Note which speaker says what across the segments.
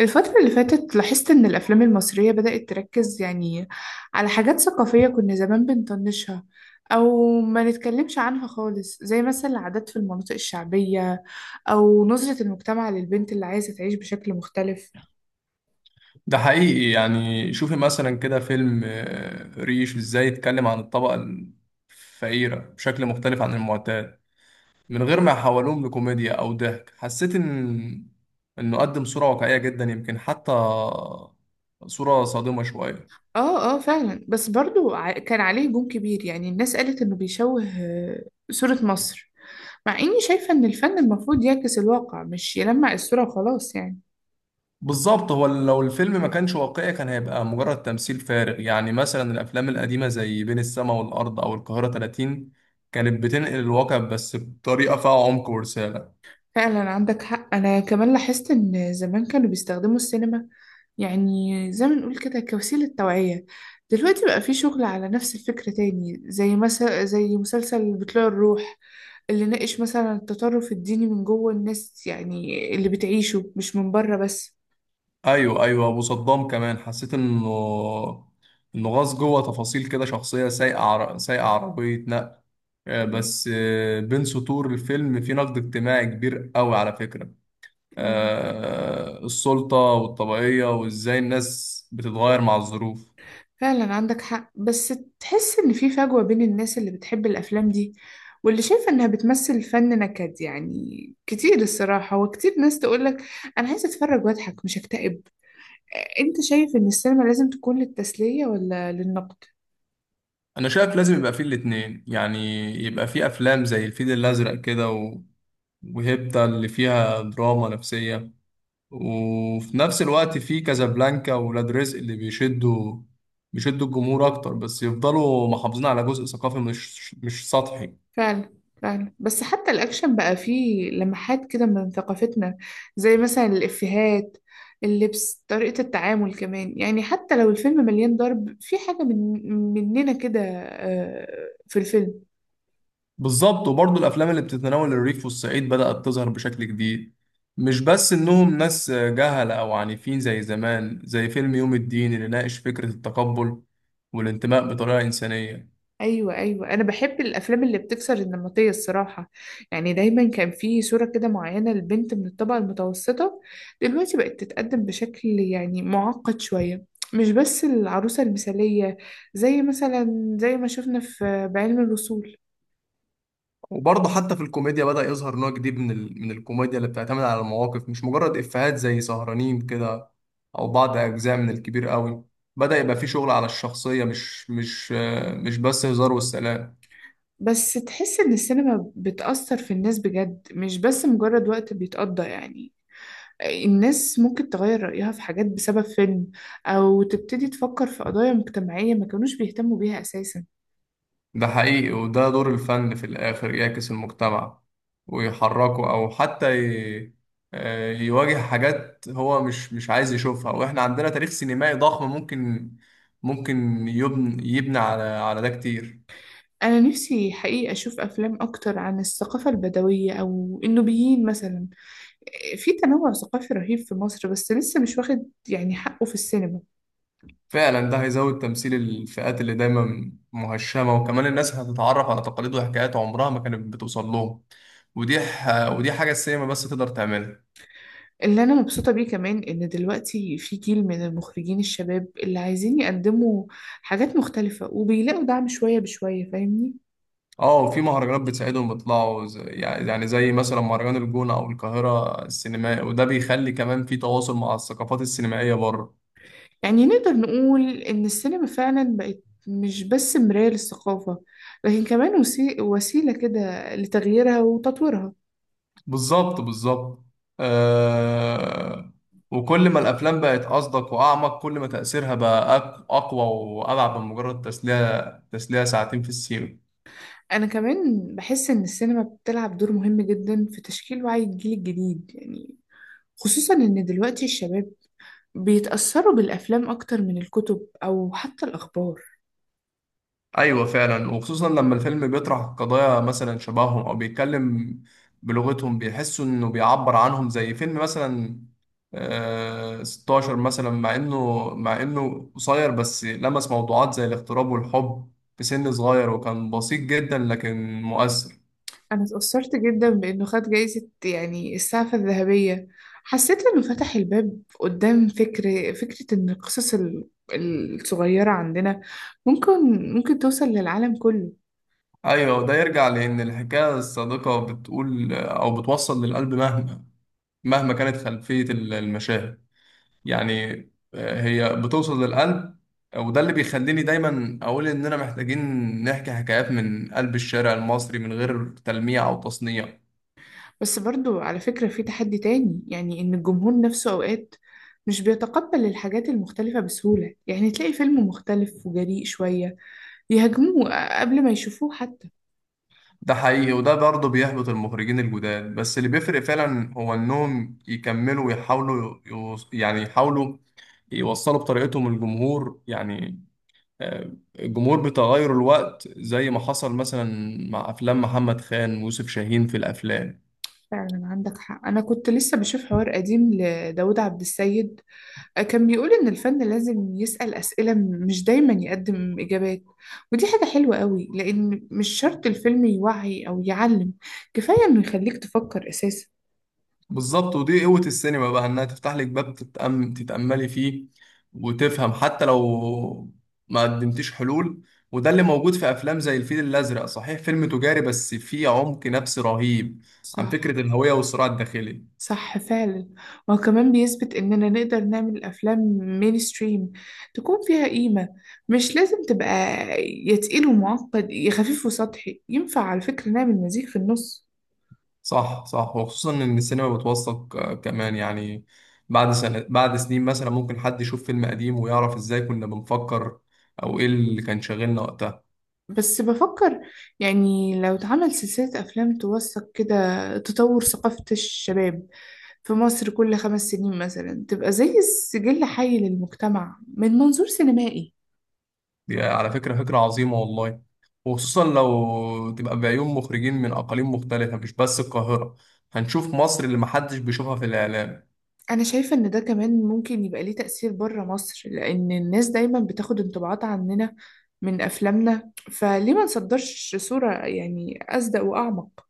Speaker 1: الفترة اللي فاتت لاحظت إن الأفلام المصرية بدأت تركز يعني على حاجات ثقافية كنا زمان بنطنشها أو ما نتكلمش عنها خالص، زي مثلا العادات في المناطق الشعبية أو نظرة المجتمع للبنت اللي عايزة تعيش بشكل مختلف.
Speaker 2: ده حقيقي يعني، شوفي مثلا كده فيلم ريش، ازاي يتكلم عن الطبقة الفقيرة بشكل مختلف عن المعتاد، من غير ما يحولوهم لكوميديا أو ضحك. حسيت إنه قدم صورة واقعية جدا، يمكن حتى صورة صادمة شوية.
Speaker 1: آه آه، فعلا. بس برضو كان عليه هجوم كبير، يعني الناس قالت إنه بيشوه صورة مصر. مع إني شايفة إن الفن المفروض يعكس الواقع مش يلمع الصورة وخلاص يعني.
Speaker 2: بالظبط، هو لو الفيلم ما كانش واقعي كان هيبقى مجرد تمثيل فارغ. يعني مثلا الأفلام القديمة زي بين السماء والأرض أو القاهرة 30 كانت بتنقل الواقع، بس بطريقة فيها عمق ورسالة.
Speaker 1: فعلا عندك حق. أنا كمان لاحظت إن زمان كانوا بيستخدموا السينما يعني زي ما نقول كده كوسيلة توعية. دلوقتي بقى في شغل على نفس الفكرة تاني، زي مثلا زي مسلسل بطلوع الروح اللي ناقش مثلا التطرف الديني من جوه الناس، يعني اللي بتعيشه مش من بره بس.
Speaker 2: ايوه ايوه، ابو صدام كمان حسيت انه غاص جوه تفاصيل كده، شخصيه سايقه عربيه نقل. بس بين سطور الفيلم في نقد اجتماعي كبير قوي على فكره.
Speaker 1: فاهمة؟
Speaker 2: السلطه والطبيعيه وازاي الناس بتتغير مع الظروف.
Speaker 1: فعلا عندك حق. بس تحس إن في فجوة بين الناس اللي بتحب الأفلام دي واللي شايفة إنها بتمثل فن نكد، يعني كتير الصراحة. وكتير ناس تقولك أنا عايزة أتفرج وأضحك مش أكتئب. أنت شايف إن السينما لازم تكون للتسلية ولا للنقد؟
Speaker 2: انا شايف لازم يبقى فيه الاتنين، يعني يبقى فيه افلام زي الفيل الازرق كده وهيبتا اللي فيها دراما نفسيه، وفي نفس الوقت في كازابلانكا وولاد رزق اللي بيشدوا الجمهور اكتر، بس يفضلوا محافظين على جزء ثقافي مش سطحي.
Speaker 1: فعلا فعلا. بس حتى الأكشن بقى فيه لمحات كده من ثقافتنا، زي مثلا الإفيهات، اللبس، طريقة التعامل كمان. يعني حتى لو الفيلم مليان ضرب، في حاجة من مننا كده في الفيلم.
Speaker 2: بالظبط. وبرضه الافلام اللي بتتناول الريف والصعيد بدأت تظهر بشكل جديد، مش بس انهم ناس جهلة او عنيفين زي زمان، زي فيلم يوم الدين اللي ناقش فكرة التقبل والانتماء بطريقة إنسانية.
Speaker 1: ايوه ايوه، انا بحب الافلام اللي بتكسر النمطيه الصراحه. يعني دايما كان في صوره كده معينه لبنت من الطبقه المتوسطه، دلوقتي بقت تتقدم بشكل يعني معقد شويه، مش بس العروسه المثاليه، زي مثلا زي ما شفنا في بعلم الوصول.
Speaker 2: وبرضه حتى في الكوميديا بدأ يظهر نوع جديد من من الكوميديا اللي بتعتمد على المواقف، مش مجرد إفيهات، زي سهرانين كده، أو بعض أجزاء من الكبير قوي. بدأ يبقى في شغل على الشخصية، مش بس هزار والسلام.
Speaker 1: بس تحس ان السينما بتأثر في الناس بجد، مش بس مجرد وقت بيتقضى. يعني الناس ممكن تغير رأيها في حاجات بسبب فيلم، أو تبتدي تفكر في قضايا مجتمعية ما كانوش بيهتموا بيها أساسا.
Speaker 2: ده حقيقي، وده دور الفن في الآخر، يعكس المجتمع ويحركه، أو حتى ي... آه، يواجه حاجات هو مش عايز يشوفها. وإحنا عندنا تاريخ سينمائي ضخم ممكن يبني على ده كتير.
Speaker 1: أنا نفسي حقيقة أشوف أفلام أكتر عن الثقافة البدوية أو النوبيين مثلا. في تنوع ثقافي رهيب في مصر، بس لسه مش واخد يعني حقه في السينما.
Speaker 2: فعلا، ده هيزود تمثيل الفئات اللي دايما مهشمة، وكمان الناس هتتعرف على تقاليد وحكايات عمرها ما كانت بتوصل لهم. ودي حاجة السينما بس تقدر تعملها.
Speaker 1: اللي أنا مبسوطة بيه كمان إن دلوقتي في جيل من المخرجين الشباب اللي عايزين يقدموا حاجات مختلفة وبيلاقوا دعم شوية بشوية، فاهمني.
Speaker 2: اه، في مهرجانات بتساعدهم يطلعوا، يعني زي مثلا مهرجان الجونة أو القاهرة السينمائي، وده بيخلي كمان في تواصل مع الثقافات السينمائية بره.
Speaker 1: يعني نقدر نقول إن السينما فعلا بقت مش بس مراية للثقافة، لكن كمان وسيلة كده لتغييرها وتطويرها.
Speaker 2: بالظبط بالظبط. آه... وكل ما الأفلام بقت أصدق وأعمق، كل ما تأثيرها بقى أقوى وأبعد من مجرد تسلية. ساعتين في السينما.
Speaker 1: أنا كمان بحس إن السينما بتلعب دور مهم جدا في تشكيل وعي الجيل الجديد، يعني خصوصا إن دلوقتي الشباب بيتأثروا بالأفلام أكتر من الكتب أو حتى الأخبار.
Speaker 2: ايوه فعلا، وخصوصا لما الفيلم بيطرح قضايا مثلا شبههم، او بيتكلم بلغتهم، بيحسوا انه بيعبر عنهم. زي فيلم مثلا آه 16 مثلا، مع انه قصير بس لمس موضوعات زي الاغتراب والحب في سن صغير، وكان بسيط جدا لكن مؤثر.
Speaker 1: أنا اتأثرت جدا بإنه خد جايزة يعني السعفة الذهبية. حسيت إنه فتح الباب قدام فكرة إن القصص الصغيرة عندنا ممكن ممكن توصل للعالم كله.
Speaker 2: ايوه، وده يرجع لان الحكايه الصادقه بتقول او بتوصل للقلب، مهما كانت خلفيه المشاهد. يعني هي بتوصل للقلب. وده اللي بيخليني دايما اقول اننا محتاجين نحكي حكايات من قلب الشارع المصري من غير تلميع او تصنيع.
Speaker 1: بس برضو على فكرة في تحدي تاني، يعني إن الجمهور نفسه أوقات مش بيتقبل الحاجات المختلفة بسهولة. يعني تلاقي فيلم مختلف وجريء شوية يهاجموه قبل ما يشوفوه حتى.
Speaker 2: ده حقيقي، وده برضه بيحبط المخرجين الجداد، بس اللي بيفرق فعلا هو انهم يكملوا ويحاولوا يعني يحاولوا يوصلوا بطريقتهم للجمهور. آه، الجمهور بتغير الوقت، زي ما حصل مثلا مع افلام محمد خان ويوسف شاهين في الافلام.
Speaker 1: فعلا عندك حق. أنا كنت لسه بشوف حوار قديم لداود عبد السيد، كان بيقول إن الفن لازم يسأل أسئلة مش دايما يقدم إجابات. ودي حاجة حلوة قوي، لأن مش شرط الفيلم يوعي أو يعلم، كفاية إنه يخليك تفكر أساسا.
Speaker 2: بالظبط، ودي قوة السينما بقى، انها تفتح لك باب تتأملي فيه وتفهم حتى لو ما قدمتيش حلول. وده اللي موجود في افلام زي الفيل الازرق، صحيح فيلم تجاري بس فيه عمق نفسي رهيب عن
Speaker 1: صح.
Speaker 2: فكرة الهوية والصراع الداخلي.
Speaker 1: صح فعلا. وهو كمان بيثبت إننا نقدر نعمل أفلام مينستريم تكون فيها قيمة، مش لازم تبقى يا تقيل ومعقد يا خفيف وسطحي. ينفع على فكرة نعمل مزيج في النص.
Speaker 2: صح صح، وخصوصا ان السينما بتوثق كمان. يعني بعد سنة، بعد سنين مثلا، ممكن حد يشوف فيلم قديم ويعرف ازاي كنا بنفكر، او ايه اللي كان شاغلنا وقتها.
Speaker 1: بس بفكر، يعني لو اتعمل سلسلة أفلام توثق كده تطور ثقافة الشباب في مصر كل 5 سنين مثلا، تبقى زي سجل حي للمجتمع من منظور سينمائي.
Speaker 2: دي على فكرة فكرة عظيمة والله، وخصوصا لو تبقى بعيون مخرجين من أقاليم مختلفة، مش بس القاهرة. هنشوف مصر اللي محدش بيشوفها في الإعلام.
Speaker 1: أنا شايفة إن ده كمان ممكن يبقى ليه تأثير بره مصر، لأن الناس دايما بتاخد انطباعات عننا من أفلامنا. فليه ما نصدرش صورة يعني أصدق وأعمق.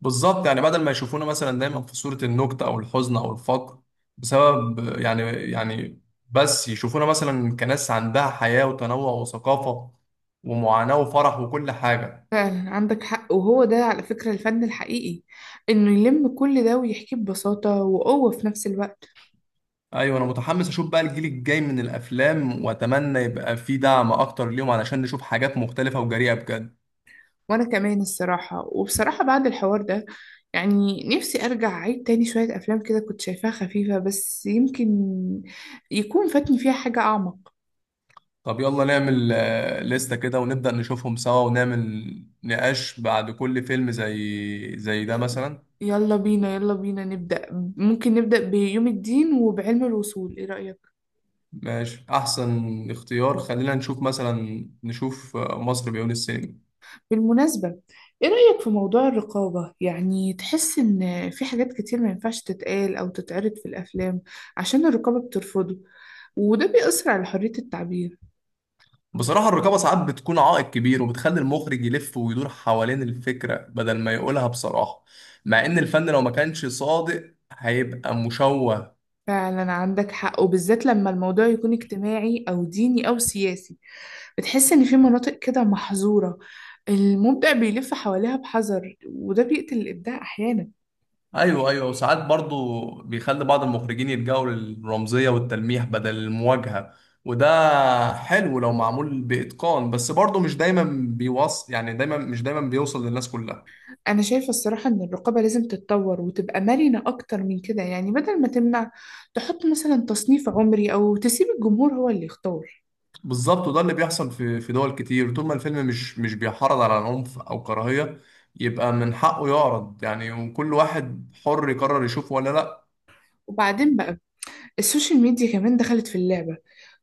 Speaker 2: بالظبط. يعني بدل ما يشوفونا مثلا دايما في صورة النكتة أو الحزن أو الفقر بسبب يعني، بس يشوفونا مثلا كناس عندها حياة وتنوع وثقافة ومعاناة وفرح وكل حاجة.
Speaker 1: فعلا عندك حق. وهو ده على فكرة الفن الحقيقي، إنه يلم كل ده ويحكيه ببساطة وقوة في نفس الوقت.
Speaker 2: أيوة، أنا متحمس أشوف بقى الجيل الجاي من الأفلام، وأتمنى يبقى فيه دعم أكتر ليهم علشان نشوف حاجات مختلفة وجريئة بجد.
Speaker 1: وأنا كمان الصراحة، وبصراحة بعد الحوار ده، يعني نفسي أرجع أعيد تاني شوية أفلام كده كنت شايفاها خفيفة، بس يمكن يكون فاتني فيها حاجة أعمق.
Speaker 2: طب يلا نعمل لستة كده، ونبدأ نشوفهم سوا، ونعمل نقاش بعد كل فيلم زي ده مثلا.
Speaker 1: يلا بينا يلا بينا نبدأ. ممكن نبدأ بيوم الدين وبعلم الوصول. ايه رأيك؟
Speaker 2: ماشي، أحسن اختيار. خلينا نشوف مثلا، نشوف مصر بعيون السينما.
Speaker 1: بالمناسبة، ايه رأيك في موضوع الرقابة؟ يعني تحس ان في حاجات كتير ما ينفعش تتقال او تتعرض في الافلام عشان الرقابة بترفضه، وده بيأثر على حرية التعبير.
Speaker 2: بصراحة الرقابة ساعات بتكون عائق كبير، وبتخلي المخرج يلف ويدور حوالين الفكرة بدل ما يقولها بصراحة، مع إن الفن لو ما كانش صادق هيبقى مشوه.
Speaker 1: فعلا عندك حق، وبالذات لما الموضوع يكون اجتماعي او ديني او سياسي. بتحس ان في مناطق كده محظورة، المبدع بيلف حواليها بحذر، وده بيقتل الابداع احيانا.
Speaker 2: ايوه ايوه، وساعات برضو بيخلي بعض المخرجين يلجأوا للرمزيه والتلميح بدل المواجهه. وده حلو لو معمول باتقان، بس برضو مش دايما بيوصل يعني دايما مش دايما بيوصل للناس كلها.
Speaker 1: أنا شايفة الصراحة إن الرقابة لازم تتطور وتبقى مرنة أكتر من كده. يعني بدل ما تمنع، تحط مثلا تصنيف عمري أو تسيب الجمهور هو اللي يختار.
Speaker 2: بالظبط، وده اللي بيحصل في دول كتير، طول ما الفيلم مش بيحرض على عنف او كراهيه، يبقى من حقه يعرض، يعني وكل واحد حر يقرر يشوفه ولا لا.
Speaker 1: وبعدين بقى السوشيال ميديا كمان دخلت في اللعبة،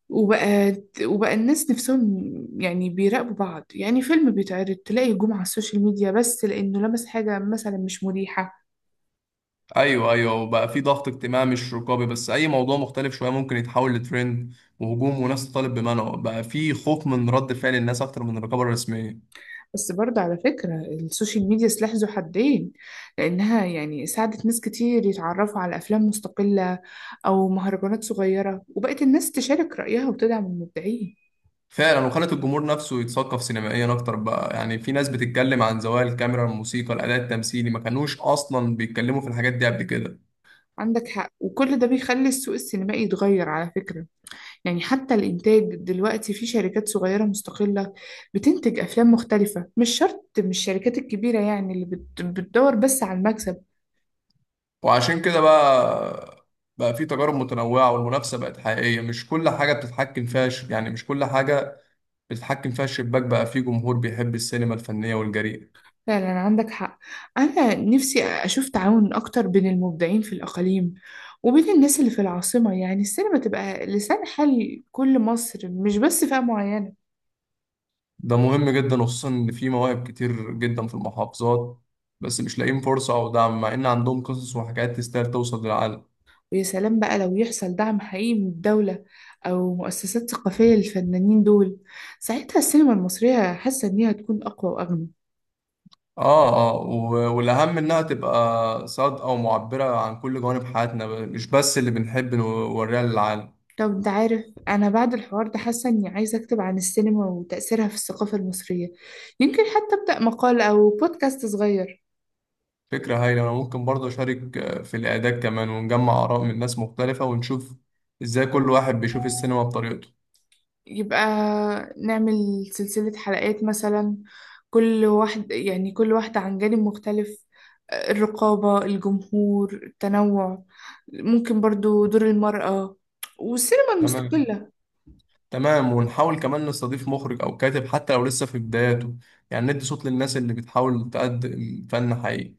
Speaker 1: وبقى وبقى الناس نفسهم يعني بيراقبوا بعض. يعني فيلم بيتعرض تلاقي هجوم على السوشيال ميديا بس لأنه لمس حاجة مثلا مش مريحة.
Speaker 2: ايوه ايوه، وبقى في ضغط اجتماعي مش رقابي بس. اي موضوع مختلف شويه ممكن يتحول لترند وهجوم، وناس تطالب بمنعه. بقى في خوف من رد فعل الناس اكتر من الرقابه الرسميه.
Speaker 1: بس برضه على فكرة السوشيال ميديا سلاح ذو حدين، لأنها يعني ساعدت ناس كتير يتعرفوا على أفلام مستقلة أو مهرجانات صغيرة، وبقت الناس تشارك رأيها وتدعم المبدعين.
Speaker 2: فعلا، وخلت الجمهور نفسه يتثقف سينمائيا اكتر. بقى يعني في ناس بتتكلم عن زوايا الكاميرا، الموسيقى، الاداء التمثيلي، ما كانوش اصلا بيتكلموا في الحاجات دي قبل كده.
Speaker 1: عندك حق. وكل ده بيخلي السوق السينمائي يتغير على فكرة. يعني حتى الإنتاج دلوقتي في شركات صغيرة مستقلة بتنتج أفلام مختلفة، مش شرط مش الشركات الكبيرة يعني اللي بتدور بس على المكسب.
Speaker 2: وعشان كده بقى في تجارب متنوعه، والمنافسه بقت حقيقيه، مش كل حاجه بتتحكم فيها يعني مش كل حاجه بتتحكم فيها الشباك. بقى في جمهور بيحب السينما الفنيه والجريئه.
Speaker 1: فعلا عندك حق. أنا نفسي أشوف تعاون أكتر بين المبدعين في الأقاليم وبين الناس اللي في العاصمة. يعني السينما تبقى لسان حال كل مصر مش بس فئة معينة.
Speaker 2: ده مهم جدا، وخصوصا ان في مواهب كتير جدا في المحافظات بس مش لاقيين فرصة او دعم، مع ان عندهم قصص وحكايات تستاهل توصل للعالم.
Speaker 1: ويا سلام بقى لو يحصل دعم حقيقي من الدولة أو مؤسسات ثقافية للفنانين دول. ساعتها السينما المصرية حاسة إنها تكون أقوى وأغنى.
Speaker 2: اه اه، والاهم انها تبقى صادقة ومعبرة عن كل جوانب حياتنا، مش بس اللي بنحب نوريها للعالم.
Speaker 1: طب أنت عارف، أنا بعد الحوار ده حاسة إني عايزة أكتب عن السينما وتأثيرها في الثقافة المصرية. يمكن حتى أبدأ مقال أو بودكاست صغير.
Speaker 2: فكرة هايلة، انا ممكن برضه اشارك في الاعداد كمان، ونجمع اراء من ناس مختلفة ونشوف ازاي كل واحد بيشوف السينما بطريقته.
Speaker 1: يبقى نعمل سلسلة حلقات مثلا، كل واحد يعني كل واحدة عن جانب مختلف: الرقابة، الجمهور، التنوع. ممكن برضو دور المرأة والسينما
Speaker 2: تمام
Speaker 1: المستقلة.
Speaker 2: تمام، ونحاول كمان نستضيف مخرج او كاتب حتى لو لسه في بداياته، يعني ندي صوت للناس اللي بتحاول تقدم فن حقيقي.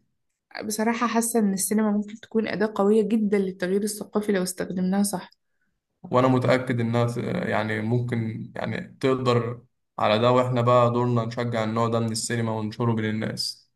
Speaker 1: بصراحة حاسة إن السينما ممكن تكون أداة قوية جدا للتغيير الثقافي لو استخدمناها صح.
Speaker 2: وانا متأكد انها ممكن يعني تقدر على ده. واحنا بقى دورنا نشجع النوع ده من السينما وننشره بين الناس.